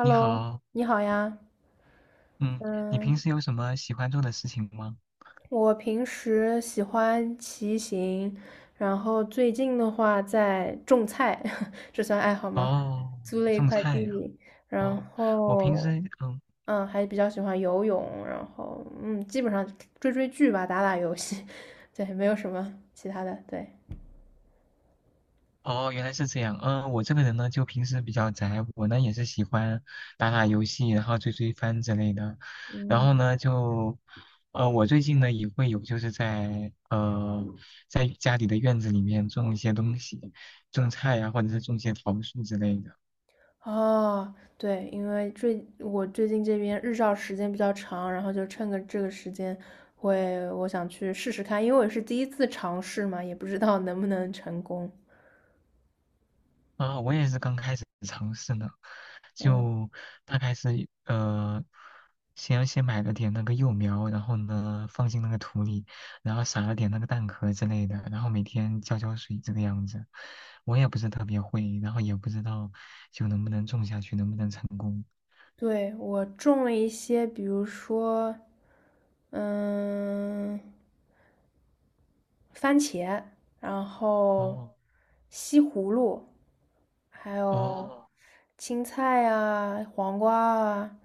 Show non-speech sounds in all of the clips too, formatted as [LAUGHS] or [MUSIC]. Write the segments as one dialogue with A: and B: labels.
A: 你 好，
B: 你好呀。
A: 嗯，你平
B: 嗯，
A: 时有什么喜欢做的事情吗？
B: 我平时喜欢骑行，然后最近的话在种菜，[LAUGHS] 这算爱好吗？
A: 哦，
B: 租了一
A: 种
B: 块
A: 菜呀、
B: 地，
A: 哦，
B: 然
A: 我平
B: 后
A: 时，嗯，
B: 还比较喜欢游泳，然后基本上追追剧吧，打打游戏，[LAUGHS] 对，没有什么其他的，对。
A: 哦，原来是这样，嗯，我这个人呢，就平时比较宅，我呢也是喜欢打打游戏，然后追追番之类的，然
B: 嗯。
A: 后呢就，我最近呢也会有就是在在家里的院子里面种一些东西，种菜呀、或者是种一些桃树之类的。
B: 哦，对，因为我最近这边日照时间比较长，然后就趁个这个时间我想去试试看，因为我也是第一次尝试嘛，也不知道能不能成功。
A: 啊，我也是刚开始尝试呢，
B: 嗯，
A: 就大概是先买了点那个幼苗，然后呢放进那个土里，然后撒了点那个蛋壳之类的，然后每天浇浇水这个样子。我也不是特别会，然后也不知道就能不能种下去，能不能成功。
B: 对，我种了一些，比如说，嗯。番茄，然后
A: 哦
B: 西葫芦，还有
A: 哦，
B: 青菜啊、黄瓜啊，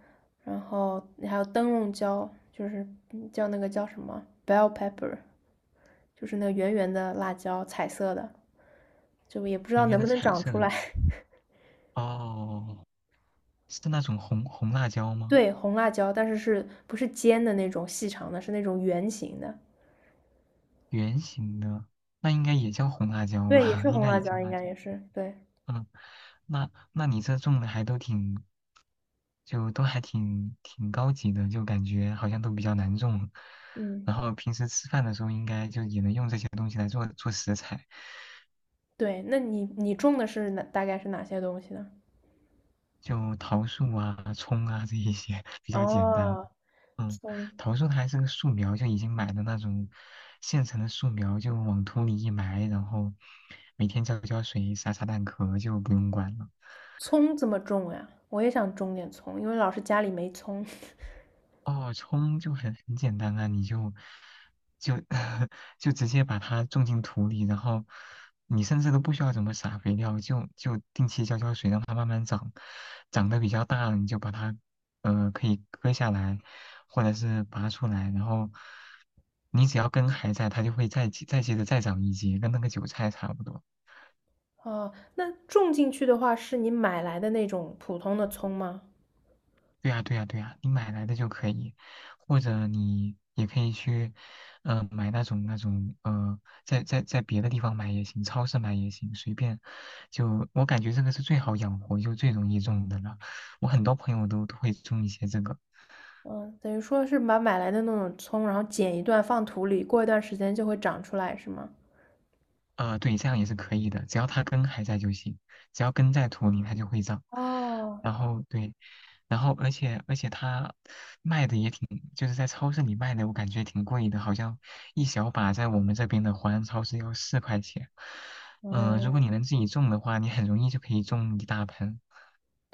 B: 然后还有灯笼椒，就是那个叫什么 bell pepper，就是那个圆圆的辣椒，彩色的，就也不知
A: 圆
B: 道
A: 圆
B: 能
A: 的
B: 不能
A: 彩
B: 长
A: 色
B: 出
A: 的，
B: 来。[LAUGHS]
A: 哦，是那种红辣椒吗？
B: 对，红辣椒，但是是不是尖的那种细长的，是那种圆形的。
A: 圆形的，那应该也叫红辣椒
B: 对，也
A: 吧？[LAUGHS]
B: 是
A: 应
B: 红
A: 该
B: 辣
A: 也叫
B: 椒，应
A: 辣
B: 该
A: 椒。
B: 也是。对，
A: 嗯，那那你这种的还都挺，就都还挺高级的，就感觉好像都比较难种。
B: 嗯，
A: 然后平时吃饭的时候，应该就也能用这些东西来做做食材，
B: 对，那你种的是哪，大概是哪些东西呢？
A: 就桃树啊、葱啊这一些 [LAUGHS] 比较简单。
B: 哦，
A: 嗯，
B: 葱
A: 桃树它还是个树苗，就已经买的那种现成的树苗，就往土里一埋，然后每天浇浇水、撒撒蛋壳就不用管了。
B: 葱怎么种呀？我也想种点葱，因为老是家里没葱。[LAUGHS]
A: 哦，葱就很简单啊，你就就 [LAUGHS] 就直接把它种进土里，然后你甚至都不需要怎么撒肥料，就定期浇浇水，让它慢慢长，长得比较大了，你就把它可以割下来，或者是拔出来，然后你只要根还在，它就会再接着再长一节，跟那个韭菜差不多。
B: 哦，那种进去的话，是你买来的那种普通的葱吗？
A: 对呀，对呀，对呀，你买来的就可以，或者你也可以去，买那种在别的地方买也行，超市买也行，随便。就我感觉这个是最好养活，就最容易种的了。我很多朋友都会种一些这个，
B: 嗯，等于说是把买来的那种葱，然后剪一段放土里，过一段时间就会长出来，是吗？
A: 对，这样也是可以的，只要它根还在就行，只要根在土里，它就会长。
B: 哦，
A: 然后对，然后而且它卖的也挺，就是在超市里卖的，我感觉挺贵的，好像一小把在我们这边的华人超市要四块钱。如果你
B: 嗯，
A: 能自己种的话，你很容易就可以种一大盆。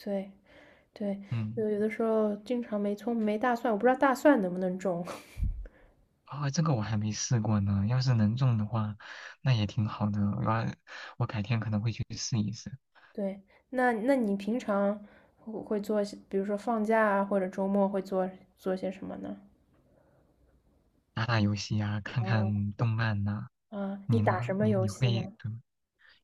B: 对对，
A: 嗯，
B: 就有的时候经常没葱没大蒜，我不知道大蒜能不能种。
A: 啊，这个我还没试过呢，要是能种的话，那也挺好的。我要我改天可能会去试一试。
B: [LAUGHS] 对，那你平常会做些，比如说放假啊，或者周末会做做些什么呢？
A: 打打游戏呀、看看动漫呐、
B: 啊，你
A: 你
B: 打什
A: 呢？
B: 么
A: 你
B: 游
A: 你
B: 戏
A: 会
B: 呢？
A: 对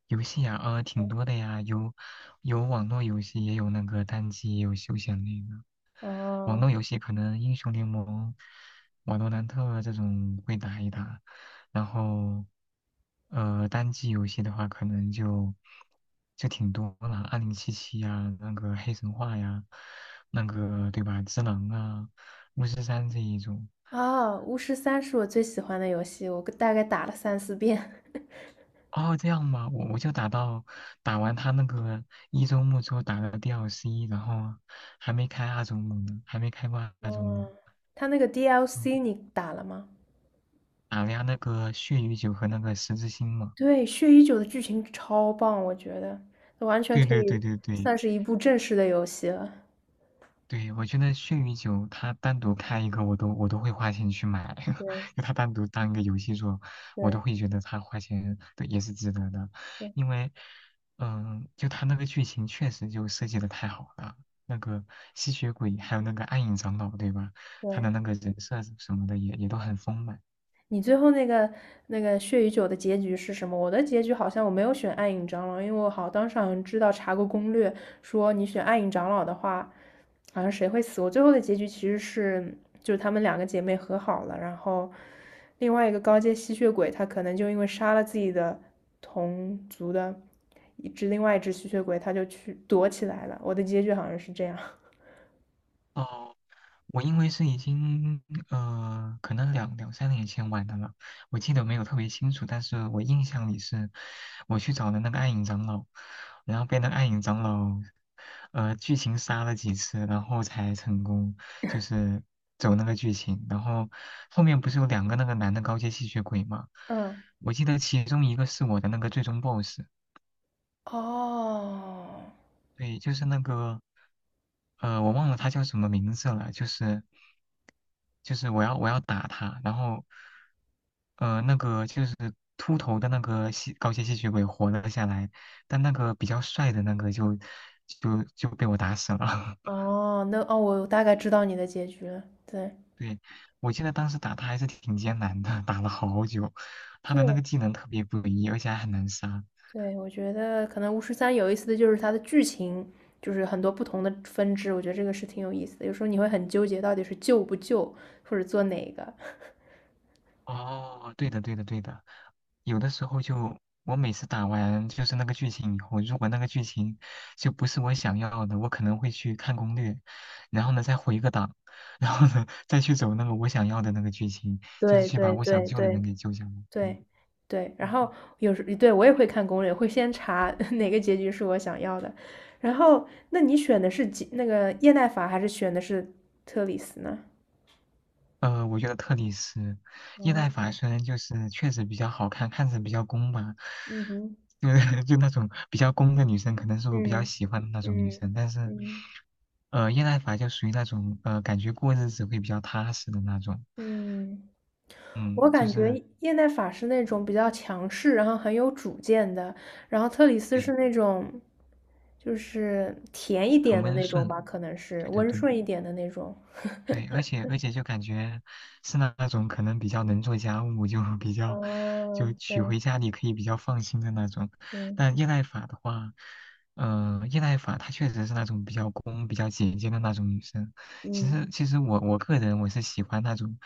A: 游戏呀、挺多的呀，有有网络游戏，也有那个单机，也有休闲类的。网
B: 哦，
A: 络游戏可能英雄联盟、瓦罗兰特这种会打一打，然后单机游戏的话，可能就就挺多了，二零七七呀，那个黑神话呀，那个对吧，只狼啊，巫师三这一种。
B: 啊，巫师三是我最喜欢的游戏，我大概打了三四遍。[LAUGHS]
A: 哦，这样嘛，我我就打到打完他那个一周目之后打了 DLC，然后还没开二周目呢，还没开过二周目，
B: 嗯，它那个
A: 嗯，
B: DLC 你打了吗？
A: 打了下那个血与酒和那个十字星嘛。
B: 对，血与酒的剧情超棒，我觉得完全
A: 对
B: 可
A: 对对
B: 以
A: 对对，
B: 算是一部正式的游戏了。
A: 对，我觉得血与酒，它单独开一个，我都会花钱去买，[LAUGHS]
B: 对
A: 就它单独当一个游戏做，我都
B: 对
A: 会觉得它花钱对也是值得的，
B: 对
A: 因为，就它那个剧情确实就设计的太好了，那个吸血鬼还有那个暗影长老，对吧？他的
B: 对。
A: 那个人设什么的也也都很丰满。
B: 你最后那个血与酒的结局是什么？我的结局好像我没有选暗影长老，因为我当时好像知道查过攻略，说你选暗影长老的话，好像谁会死。我最后的结局其实是就是她们两个姐妹和好了，然后另外一个高阶吸血鬼他可能就因为杀了自己的同族的一只另外一只吸血鬼，他就去躲起来了。我的结局好像是这样。[LAUGHS]
A: 哦，我因为是已经可能两三年前玩的了，我记得没有特别清楚，但是我印象里是，我去找了那个暗影长老，然后被那个暗影长老，剧情杀了几次，然后才成功，就是走那个剧情，然后后面不是有两个那个男的高阶吸血鬼嘛，
B: 嗯，
A: 我记得其中一个是我的那个最终 BOSS，
B: 哦
A: 对，就是那个，我忘了他叫什么名字了，就是就是我要打他，然后那个就是秃头的那个吸高阶吸血鬼活了下来，但那个比较帅的那个就被我打死了。[LAUGHS]
B: 哦，那哦，我大概知道你的结局了，对。
A: 对，我记得当时打他还是挺艰难的，打了好久，他的那
B: 对
A: 个技能特别诡异，而且还很难杀。
B: 对，我觉得可能巫师三有意思的就是它的剧情，就是很多不同的分支，我觉得这个是挺有意思的。有时候你会很纠结，到底是救不救，或者做哪个。[LAUGHS]
A: 哦，对的，对的，对的。有的时候就，我每次打完就是那个剧情以后，如果那个剧情就不是我想要的，我可能会去看攻略，然后呢再回个档，然后呢再去走那个我想要的那个剧情，就是
B: 对
A: 去把
B: 对
A: 我想
B: 对
A: 救的人
B: 对
A: 给救下来。对，
B: 对对，然
A: 嗯
B: 后有时对我也会看攻略，会先查 [LAUGHS] 哪个结局是我想要的。然后，那你选的是吉那个叶奈法，还是选的是特里斯呢？
A: 我觉得特里斯叶奈法
B: 哦，
A: 虽然就是确实比较好看，看着比较攻吧，
B: 嗯哼，
A: 就是 [LAUGHS] 就那种比较攻的女生，可能是我比较
B: 嗯
A: 喜欢的那种女
B: 嗯
A: 生。但是，
B: 嗯
A: 叶奈法就属于那种感觉过日子会比较踏实的那种，
B: 嗯。
A: 嗯，
B: 我
A: 就
B: 感觉
A: 是
B: 叶奈法是那种比较强势，然后很有主见的，然后特里斯
A: 对，
B: 是那种就是甜一
A: 很
B: 点的
A: 温
B: 那种
A: 顺，
B: 吧，可能是
A: 对对
B: 温
A: 对。
B: 顺一点的那种。
A: 对，而且
B: [LAUGHS]
A: 而且就感觉是那那种可能比较能做家务，就比较就
B: 嗯，
A: 娶
B: 对
A: 回家里可以比较放心的那种。
B: 对，
A: 但叶赖法的话，叶赖法她确实是那种比较公、比较姐姐的那种女生。其
B: 嗯，
A: 实其实我我个人我是喜欢那种，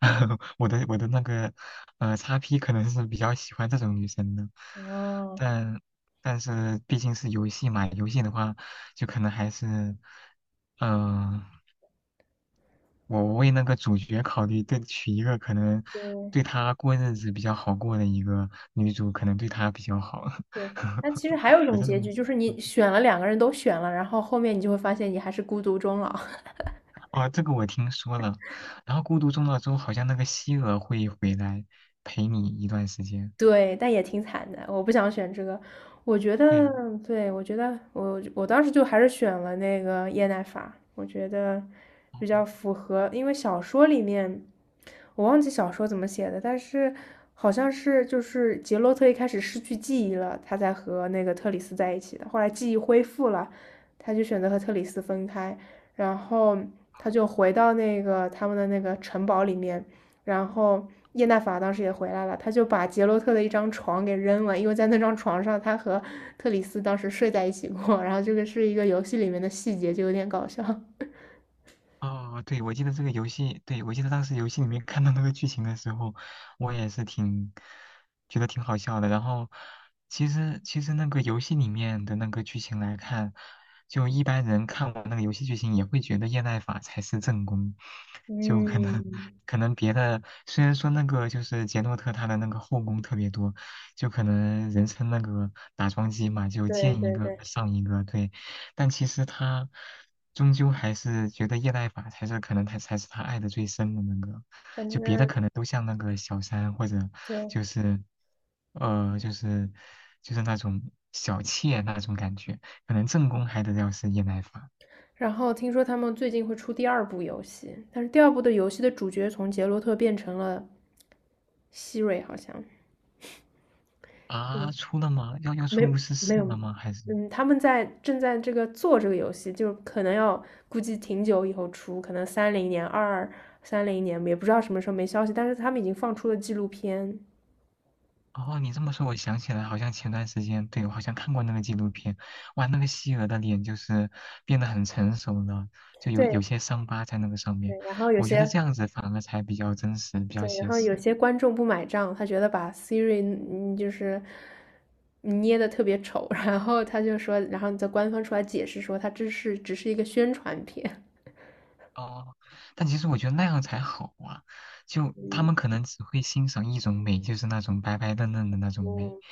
A: [LAUGHS] 我的那个叉 P 可能是比较喜欢这种女生的，
B: 哦，
A: 但但是毕竟是游戏嘛，游戏的话就可能还是。嗯、我为那个主角考虑，对，娶一个可能
B: 对
A: 对他过日子比较好过的一个女主，可能对他比较好。
B: 对。那
A: [LAUGHS]
B: 其实还有一
A: 我
B: 种
A: 就这
B: 结
A: 么
B: 局，
A: 想。
B: 就是你选了两个人都选了，然后后面你就会发现你还是孤独终老。
A: 哦，这个我听说了。然后《孤独终老》之后，好像那个希尔会回来陪你一段时间。
B: 对，但也挺惨的。我不想选这个，我觉
A: 对，
B: 得，对，我觉得我当时就还是选了那个叶奈法，我觉得
A: 哦
B: 比较符合，因为小说里面我忘记小说怎么写的，但是好像是就是杰洛特一开始失去记忆了，他才和那个特里斯在一起的，后来记忆恢复了，他就选择和特里斯分开，然后他就回到那个他们的那个城堡里面。然后叶娜法当时也回来了，他就把杰洛特的一张床给扔了，因为在那张床上他和特里斯当时睡在一起过。然后这个是一个游戏里面的细节，就有点搞笑。[LAUGHS]
A: 哦，对，我记得这个游戏，对，我记得当时游戏里面 [LAUGHS] 看到那个剧情的时候，我也是挺觉得挺好笑的。然后，其实那个游戏里面的那个剧情来看，就一般人看完那个游戏剧情也会觉得叶奈法才是正宫，就可能
B: 嗯，
A: 可能别的虽然说那个就是杰诺特他的那个后宫特别多，就可能人称那个打桩机嘛，就
B: 对
A: 见一
B: 对
A: 个
B: 对，
A: 上一个，对。但其实他终究还是觉得叶赖法才是可能他才是他爱的最深的那个，
B: 反
A: 就别的
B: 正
A: 可能都像那个小三或者
B: 对，
A: 就是就是就是那种小妾那种感觉，可能正宫还得要是叶赖法
B: 然后听说他们最近会出第二部游戏，但是第二部的游戏的主角从杰洛特变成了希瑞，好像。
A: 啊，出了吗？要要出
B: 没
A: 巫师
B: 没
A: 四
B: 有，
A: 了吗？还是？
B: 嗯，他们正在这个做这个游戏，就是可能要估计挺久以后出，可能三零年、二三零年，也不知道什么时候没消息，但是他们已经放出了纪录片。
A: 哦，你这么说，我想起来，好像前段时间，对，我好像看过那个纪录片，哇，那个希尔的脸就是变得很成熟了，就有有
B: 对
A: 些伤疤在那个上
B: 对，
A: 面，
B: 然后有
A: 我觉得
B: 些
A: 这样子反而才比较真实，比较
B: 对，然
A: 写
B: 后有
A: 实。
B: 些观众不买账，他觉得把 Siri 嗯就是捏的特别丑，[LAUGHS] 然后他就说，然后在官方出来解释说，他这是只是一个宣传片。
A: 哦，但其实我觉得那样才好啊，就他
B: 嗯
A: 们可能只会欣赏一种美，就是那种白白嫩嫩的那种美。
B: 嗯，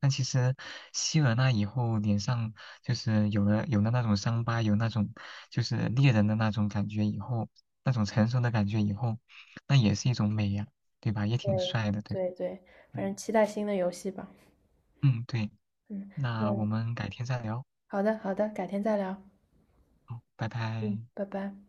A: 但其实希了那以后，脸上就是有了那种伤疤，有那种就是猎人的那种感觉以后，那种成熟的感觉以后，那也是一种美呀，对吧？也挺
B: 对
A: 帅的，对吧
B: 对对，反
A: 嗯
B: 正期待新的游戏吧。
A: 嗯，对，
B: 嗯，
A: 那我
B: 那
A: 们改天再聊，
B: 好的，好的，改天再聊。
A: 好，拜
B: 嗯，
A: 拜。
B: 拜拜。